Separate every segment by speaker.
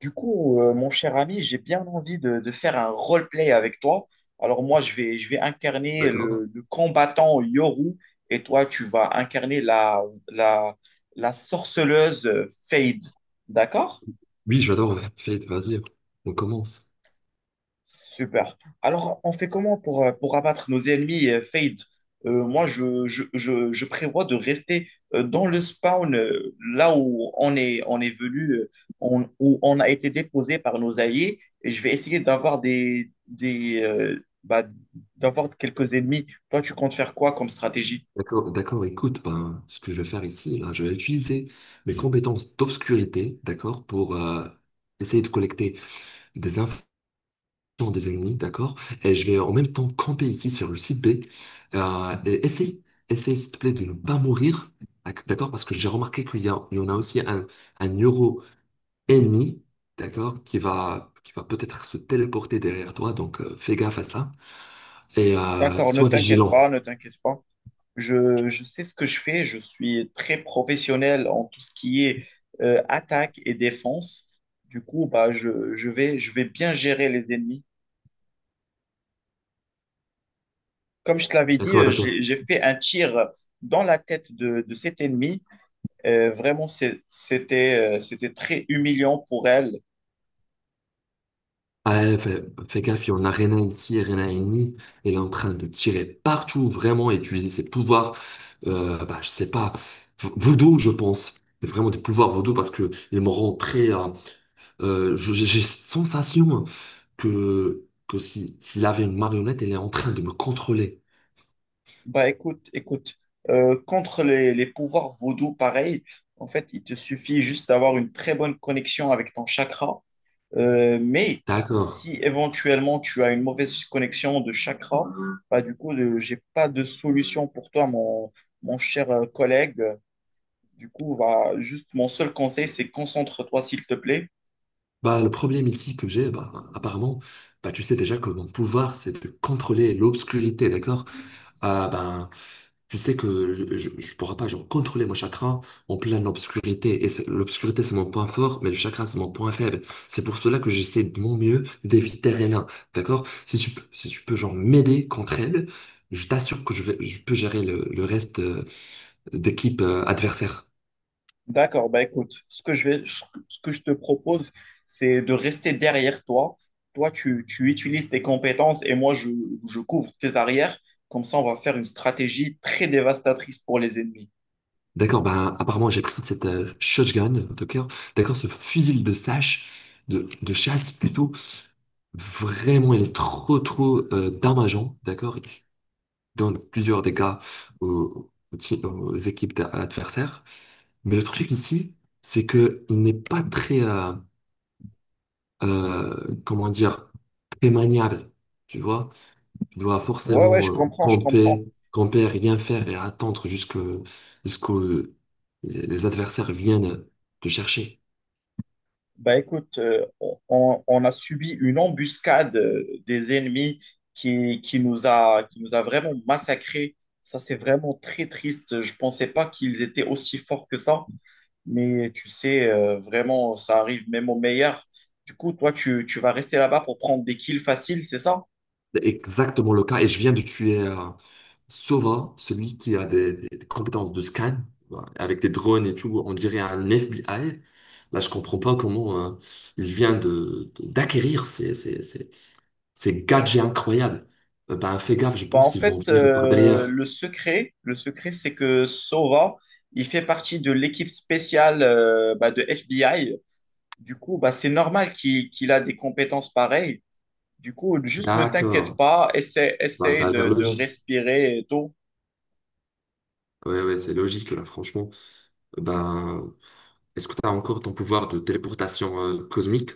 Speaker 1: Du coup, mon cher ami, j'ai bien envie de faire un roleplay avec toi. Alors moi, je vais incarner
Speaker 2: D'accord?
Speaker 1: le combattant Yoru et toi, tu vas incarner la, la sorceleuse Fade. D'accord?
Speaker 2: Oui, j'adore Fate, vas-y, on commence.
Speaker 1: Super. Alors, on fait comment pour abattre nos ennemis Fade? Moi, je prévois de rester dans le spawn, là où on est venu, où on a été déposé par nos alliés, et je vais essayer d'avoir d'avoir quelques ennemis. Toi, tu comptes faire quoi comme stratégie?
Speaker 2: D'accord, d'accord, écoute, ben, ce que je vais faire ici, là, je vais utiliser mes compétences d'obscurité, d'accord, pour essayer de collecter des infos des ennemis, d'accord, et je vais en même temps camper ici sur le site B, et essaye, essaye, s'il te plaît, de ne pas mourir, d'accord, parce que j'ai remarqué qu'il y a, il y en a aussi un euro ennemi, d'accord, qui va peut-être se téléporter derrière toi, donc fais gaffe à ça. Et
Speaker 1: D'accord, ne
Speaker 2: sois
Speaker 1: t'inquiète pas,
Speaker 2: vigilant,
Speaker 1: ne t'inquiète pas. Je sais ce que je fais, je suis très professionnel en tout ce qui est attaque et défense. Du coup, bah, je vais bien gérer les ennemis. Comme je te l'avais dit,
Speaker 2: d'accord, d'accord.
Speaker 1: j'ai fait un tir dans la tête de cet ennemi. Vraiment, c'était, c'était très humiliant pour elle.
Speaker 2: Ah, ouais, fais, fais gaffe, il y en a Rena ici, Rena ennemie, elle est en train de tirer partout, vraiment, et utiliser ses pouvoirs, bah, je sais pas, voodoo, je pense. c'est vraiment des pouvoirs voodoo parce que ils me rendent très. J'ai cette sensation que si, s'il avait une marionnette, elle est en train de me contrôler.
Speaker 1: Bah, écoute, contre les pouvoirs vaudous, pareil, en fait, il te suffit juste d'avoir une très bonne connexion avec ton chakra. Mais
Speaker 2: D'accord.
Speaker 1: si éventuellement tu as une mauvaise connexion de chakra, bah, du coup, je j'ai pas de solution pour toi, mon cher collègue. Du coup, va juste mon seul conseil, c'est concentre-toi, s'il te plaît.
Speaker 2: Bah, le problème ici que j'ai, bah, apparemment, bah, tu sais déjà que mon pouvoir, c'est de contrôler l'obscurité, d'accord? Ah, ben, je sais que je ne pourrai pas genre, contrôler mon chakra en pleine obscurité. L'obscurité, c'est mon point fort, mais le chakra, c'est mon point faible. C'est pour cela que j'essaie de mon mieux d'éviter Rena, d'accord? Si tu peux genre m'aider contre elle, je t'assure que je vais, je peux gérer le reste d'équipe adversaire.
Speaker 1: D'accord, bah écoute, ce que je te propose, c'est de rester derrière toi. Toi, tu utilises tes compétences et moi, je couvre tes arrières. Comme ça, on va faire une stratégie très dévastatrice pour les ennemis.
Speaker 2: D'accord, ben, apparemment j'ai pris cette shotgun, d'accord, d'accord, ce fusil de sache, de chasse plutôt, vraiment il est trop trop dommageant, d'accord, il donne plusieurs dégâts aux, aux équipes adversaires. Mais le truc ici, c'est que il n'est pas très, comment dire, très maniable, tu vois. Tu dois
Speaker 1: Ouais, ouais,
Speaker 2: forcément
Speaker 1: je comprends, je comprends.
Speaker 2: camper, camper, rien faire et attendre jusque, jusqu'au, les adversaires viennent te chercher.
Speaker 1: Bah écoute, on a subi une embuscade des ennemis qui nous a vraiment massacrés. Ça, c'est vraiment très triste. Je pensais pas qu'ils étaient aussi forts que ça. Mais tu sais, vraiment, ça arrive même aux meilleurs. Du coup, toi, tu vas rester là-bas pour prendre des kills faciles, c'est ça?
Speaker 2: C'est exactement le cas. Et je viens de tuer Sova, celui qui a des, des compétences de scan, voilà, avec des drones et tout. On dirait un FBI. Là, je comprends pas comment il vient de, d'acquérir ces, ces, ces, ces gadgets incroyables. Ben, fais gaffe, je
Speaker 1: Bah
Speaker 2: pense
Speaker 1: en
Speaker 2: qu'ils vont
Speaker 1: fait,
Speaker 2: venir par derrière.
Speaker 1: le secret, c'est que Sova, il fait partie de l'équipe spéciale bah, de FBI. Du coup, bah, c'est normal qu'il a des compétences pareilles. Du coup, juste ne t'inquiète
Speaker 2: D'accord.
Speaker 1: pas,
Speaker 2: Ben,
Speaker 1: essaie
Speaker 2: ça a l'air
Speaker 1: de
Speaker 2: logique.
Speaker 1: respirer et tout.
Speaker 2: Ouais, ouais, c'est logique, là, franchement. Ben, est-ce que tu as encore ton pouvoir de téléportation cosmique?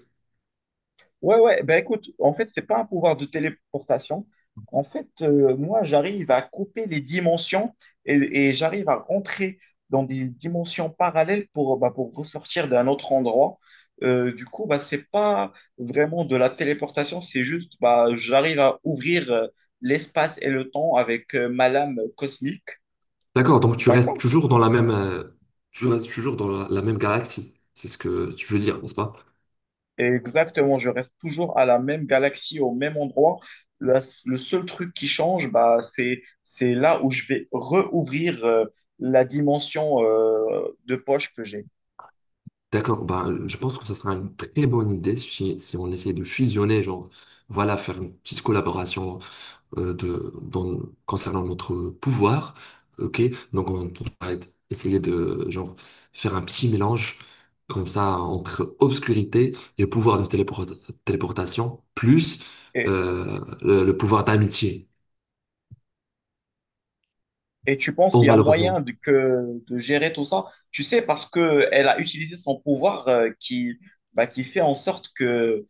Speaker 1: Ouais, ouais, ben écoute, en fait, c'est pas un pouvoir de téléportation. En fait, moi, j'arrive à couper les dimensions et, et j'arrive à rentrer dans des dimensions parallèles pour, bah, pour ressortir d'un autre endroit. Du coup, bah, c'est pas vraiment de la téléportation, c'est juste, bah, j'arrive à ouvrir l'espace et le temps avec ma lame cosmique.
Speaker 2: D'accord, donc tu restes
Speaker 1: D'accord.
Speaker 2: toujours dans la même, tu restes toujours dans la, la même galaxie. C'est ce que tu veux dire, n'est-ce pas?
Speaker 1: Et exactement, je reste toujours à la même galaxie, au même endroit. La- le seul truc qui change, bah, c'est là où je vais rouvrir la dimension de poche que j'ai.
Speaker 2: D'accord, ben, je pense que ça sera une très bonne idée si, si on essaie de fusionner, genre, voilà, faire une petite collaboration euh, de, dans- concernant notre pouvoir. Ok, donc on essayer de genre faire un petit mélange comme ça entre obscurité et téléportation, plus
Speaker 1: Et,
Speaker 2: le pouvoir d'amitié.
Speaker 1: et tu penses
Speaker 2: Oh,
Speaker 1: qu'il y a moyen
Speaker 2: malheureusement.
Speaker 1: de gérer tout ça? Tu sais, parce que elle a utilisé son pouvoir qui, bah, qui fait en sorte que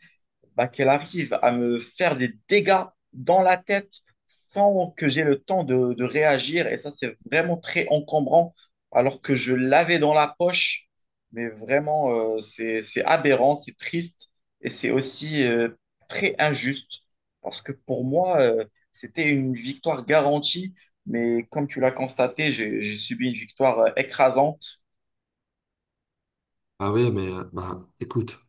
Speaker 1: bah, qu'elle arrive à me faire des dégâts dans la tête sans que j'ai le temps de réagir. Et ça, c'est vraiment très encombrant, alors que je l'avais dans la poche. Mais vraiment, c'est aberrant, c'est triste et c'est aussi très injuste, parce que pour moi, c'était une victoire garantie. Mais comme tu l'as constaté, j'ai subi une victoire écrasante.
Speaker 2: Ah oui, mais bah écoute,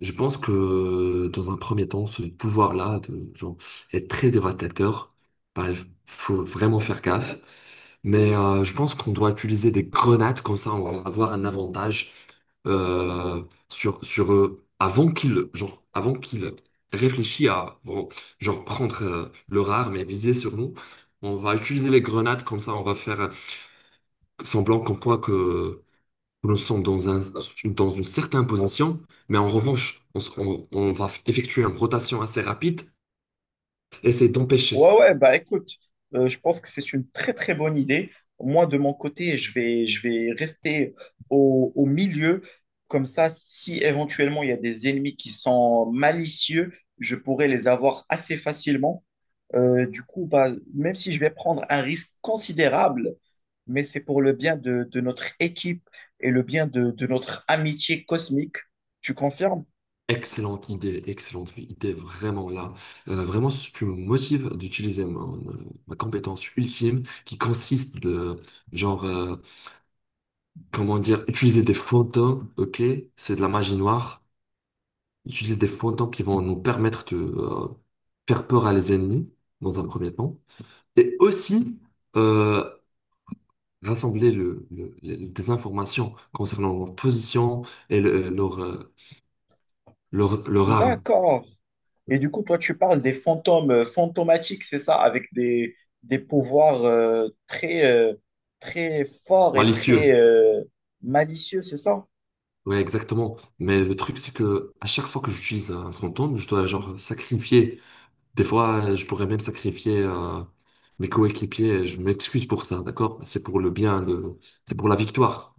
Speaker 2: je pense que dans un premier temps, ce pouvoir-là de genre est très dévastateur. Bah, il faut vraiment faire gaffe. Mais je pense qu'on doit utiliser des grenades, comme ça on va avoir un avantage euh, sur, sur eux avant qu'ils genre, avant qu'ils réfléchissent à bon, genre prendre leur arme et viser sur nous. On va utiliser les grenades, comme ça on va faire semblant comme quoi que nous sommes dans un, dans une certaine position. Mais en revanche, on va effectuer une rotation assez rapide, essayer
Speaker 1: Ouais,
Speaker 2: d'empêcher.
Speaker 1: ouais, bah écoute, je pense que c'est une très très bonne idée. Moi, de mon côté, je vais rester au milieu. Comme ça, si éventuellement il y a des ennemis qui sont malicieux, je pourrais les avoir assez facilement. Du coup, bah, même si je vais prendre un risque considérable, mais c'est pour le bien de notre équipe et le bien de notre amitié cosmique. Tu confirmes?
Speaker 2: Excellente idée, vraiment là. Vraiment, ce qui me motive d'utiliser ma compétence ultime qui consiste de, genre, euh, comment dire, utiliser des fantômes, ok? C'est de la magie noire. Utiliser des fantômes qui vont nous permettre de faire peur à les ennemis, dans un premier temps. Et aussi, euh, rassembler le, des informations concernant leur position et leur arme
Speaker 1: D'accord. Et du coup, toi, tu parles des fantômes fantomatiques, c'est ça, avec des pouvoirs très, très forts et très
Speaker 2: malicieuse.
Speaker 1: malicieux, c'est ça?
Speaker 2: Ouais, exactement. Mais le truc, c'est que à chaque fois que j'utilise un fantôme, je dois genre sacrifier. Des fois, je pourrais même sacrifier mes coéquipiers. Je m'excuse pour ça, d'accord? C'est pour le bien, c'est pour la victoire.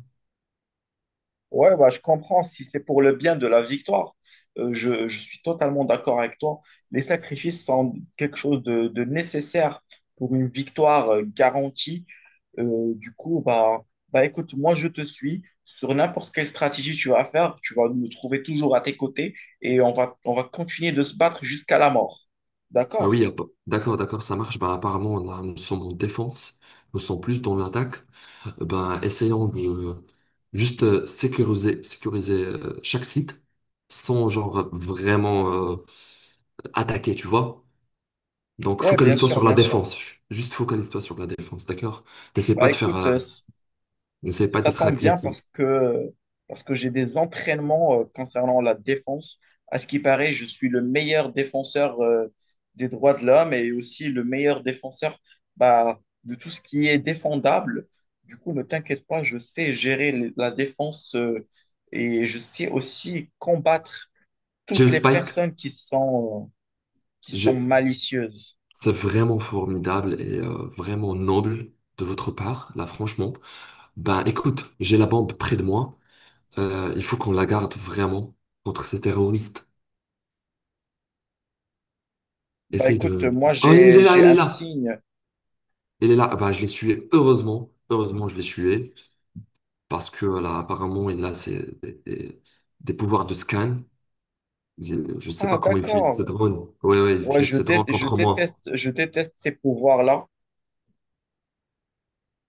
Speaker 1: Ouais, bah, je comprends. Si c'est pour le bien de la victoire, je suis totalement d'accord avec toi. Les sacrifices sont quelque chose de nécessaire pour une victoire garantie. Du coup, bah, écoute, moi, je te suis. Sur n'importe quelle stratégie tu vas faire, tu vas me trouver toujours à tes côtés et on va continuer de se battre jusqu'à la mort.
Speaker 2: Ah
Speaker 1: D'accord?
Speaker 2: oui, ah, d'accord, d'accord, ça marche. Bah, apparemment, là, nous sommes en défense. Nous sommes plus dans l'attaque. Ben, essayons de juste sécuriser, sécuriser chaque site sans genre vraiment attaquer, tu vois? Donc,
Speaker 1: Ouais, bien
Speaker 2: focalise-toi
Speaker 1: sûr,
Speaker 2: sur la
Speaker 1: bien sûr.
Speaker 2: défense. Juste focalise-toi sur la défense, d'accord? N'essaie
Speaker 1: Bah,
Speaker 2: pas de faire,
Speaker 1: écoute,
Speaker 2: euh, n'essaie pas
Speaker 1: ça
Speaker 2: d'être
Speaker 1: tombe bien
Speaker 2: agressif.
Speaker 1: parce que j'ai des entraînements concernant la défense. À ce qui paraît, je suis le meilleur défenseur des droits de l'homme et aussi le meilleur défenseur bah, de tout ce qui est défendable. Du coup, ne t'inquiète pas, je sais gérer la défense et je sais aussi combattre toutes
Speaker 2: James
Speaker 1: les
Speaker 2: Spike,
Speaker 1: personnes qui sont
Speaker 2: je...
Speaker 1: malicieuses.
Speaker 2: c'est vraiment formidable et vraiment noble de votre part, là, franchement. Ben, écoute, j'ai la bombe près de moi. Il faut qu'on la garde vraiment contre ces terroristes.
Speaker 1: Bah
Speaker 2: Essaye
Speaker 1: écoute,
Speaker 2: de.
Speaker 1: moi
Speaker 2: Oh, il est là,
Speaker 1: j'ai
Speaker 2: il est
Speaker 1: un
Speaker 2: là!
Speaker 1: signe.
Speaker 2: Il est là. Ben, je l'ai tué, heureusement. Heureusement, je l'ai tué parce que là, apparemment, il a des, des pouvoirs de scan. Je sais
Speaker 1: Ah
Speaker 2: pas comment il utilise ses
Speaker 1: d'accord.
Speaker 2: drone. Ouais, ouais, il
Speaker 1: Ouais,
Speaker 2: utilise ses drone contre moi.
Speaker 1: je déteste ces pouvoirs-là.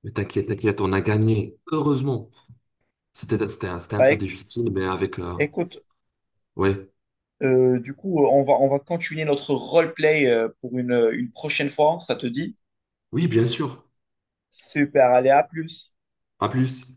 Speaker 2: Mais t'inquiète, t'inquiète, on a gagné. Heureusement. C'était, c'était, c'était un
Speaker 1: Bah,
Speaker 2: peu difficile, mais
Speaker 1: écoute,
Speaker 2: ouais.
Speaker 1: du coup, on va continuer notre roleplay pour une prochaine fois. Ça te dit?
Speaker 2: Oui, bien sûr.
Speaker 1: Super, allez, à plus.
Speaker 2: À plus.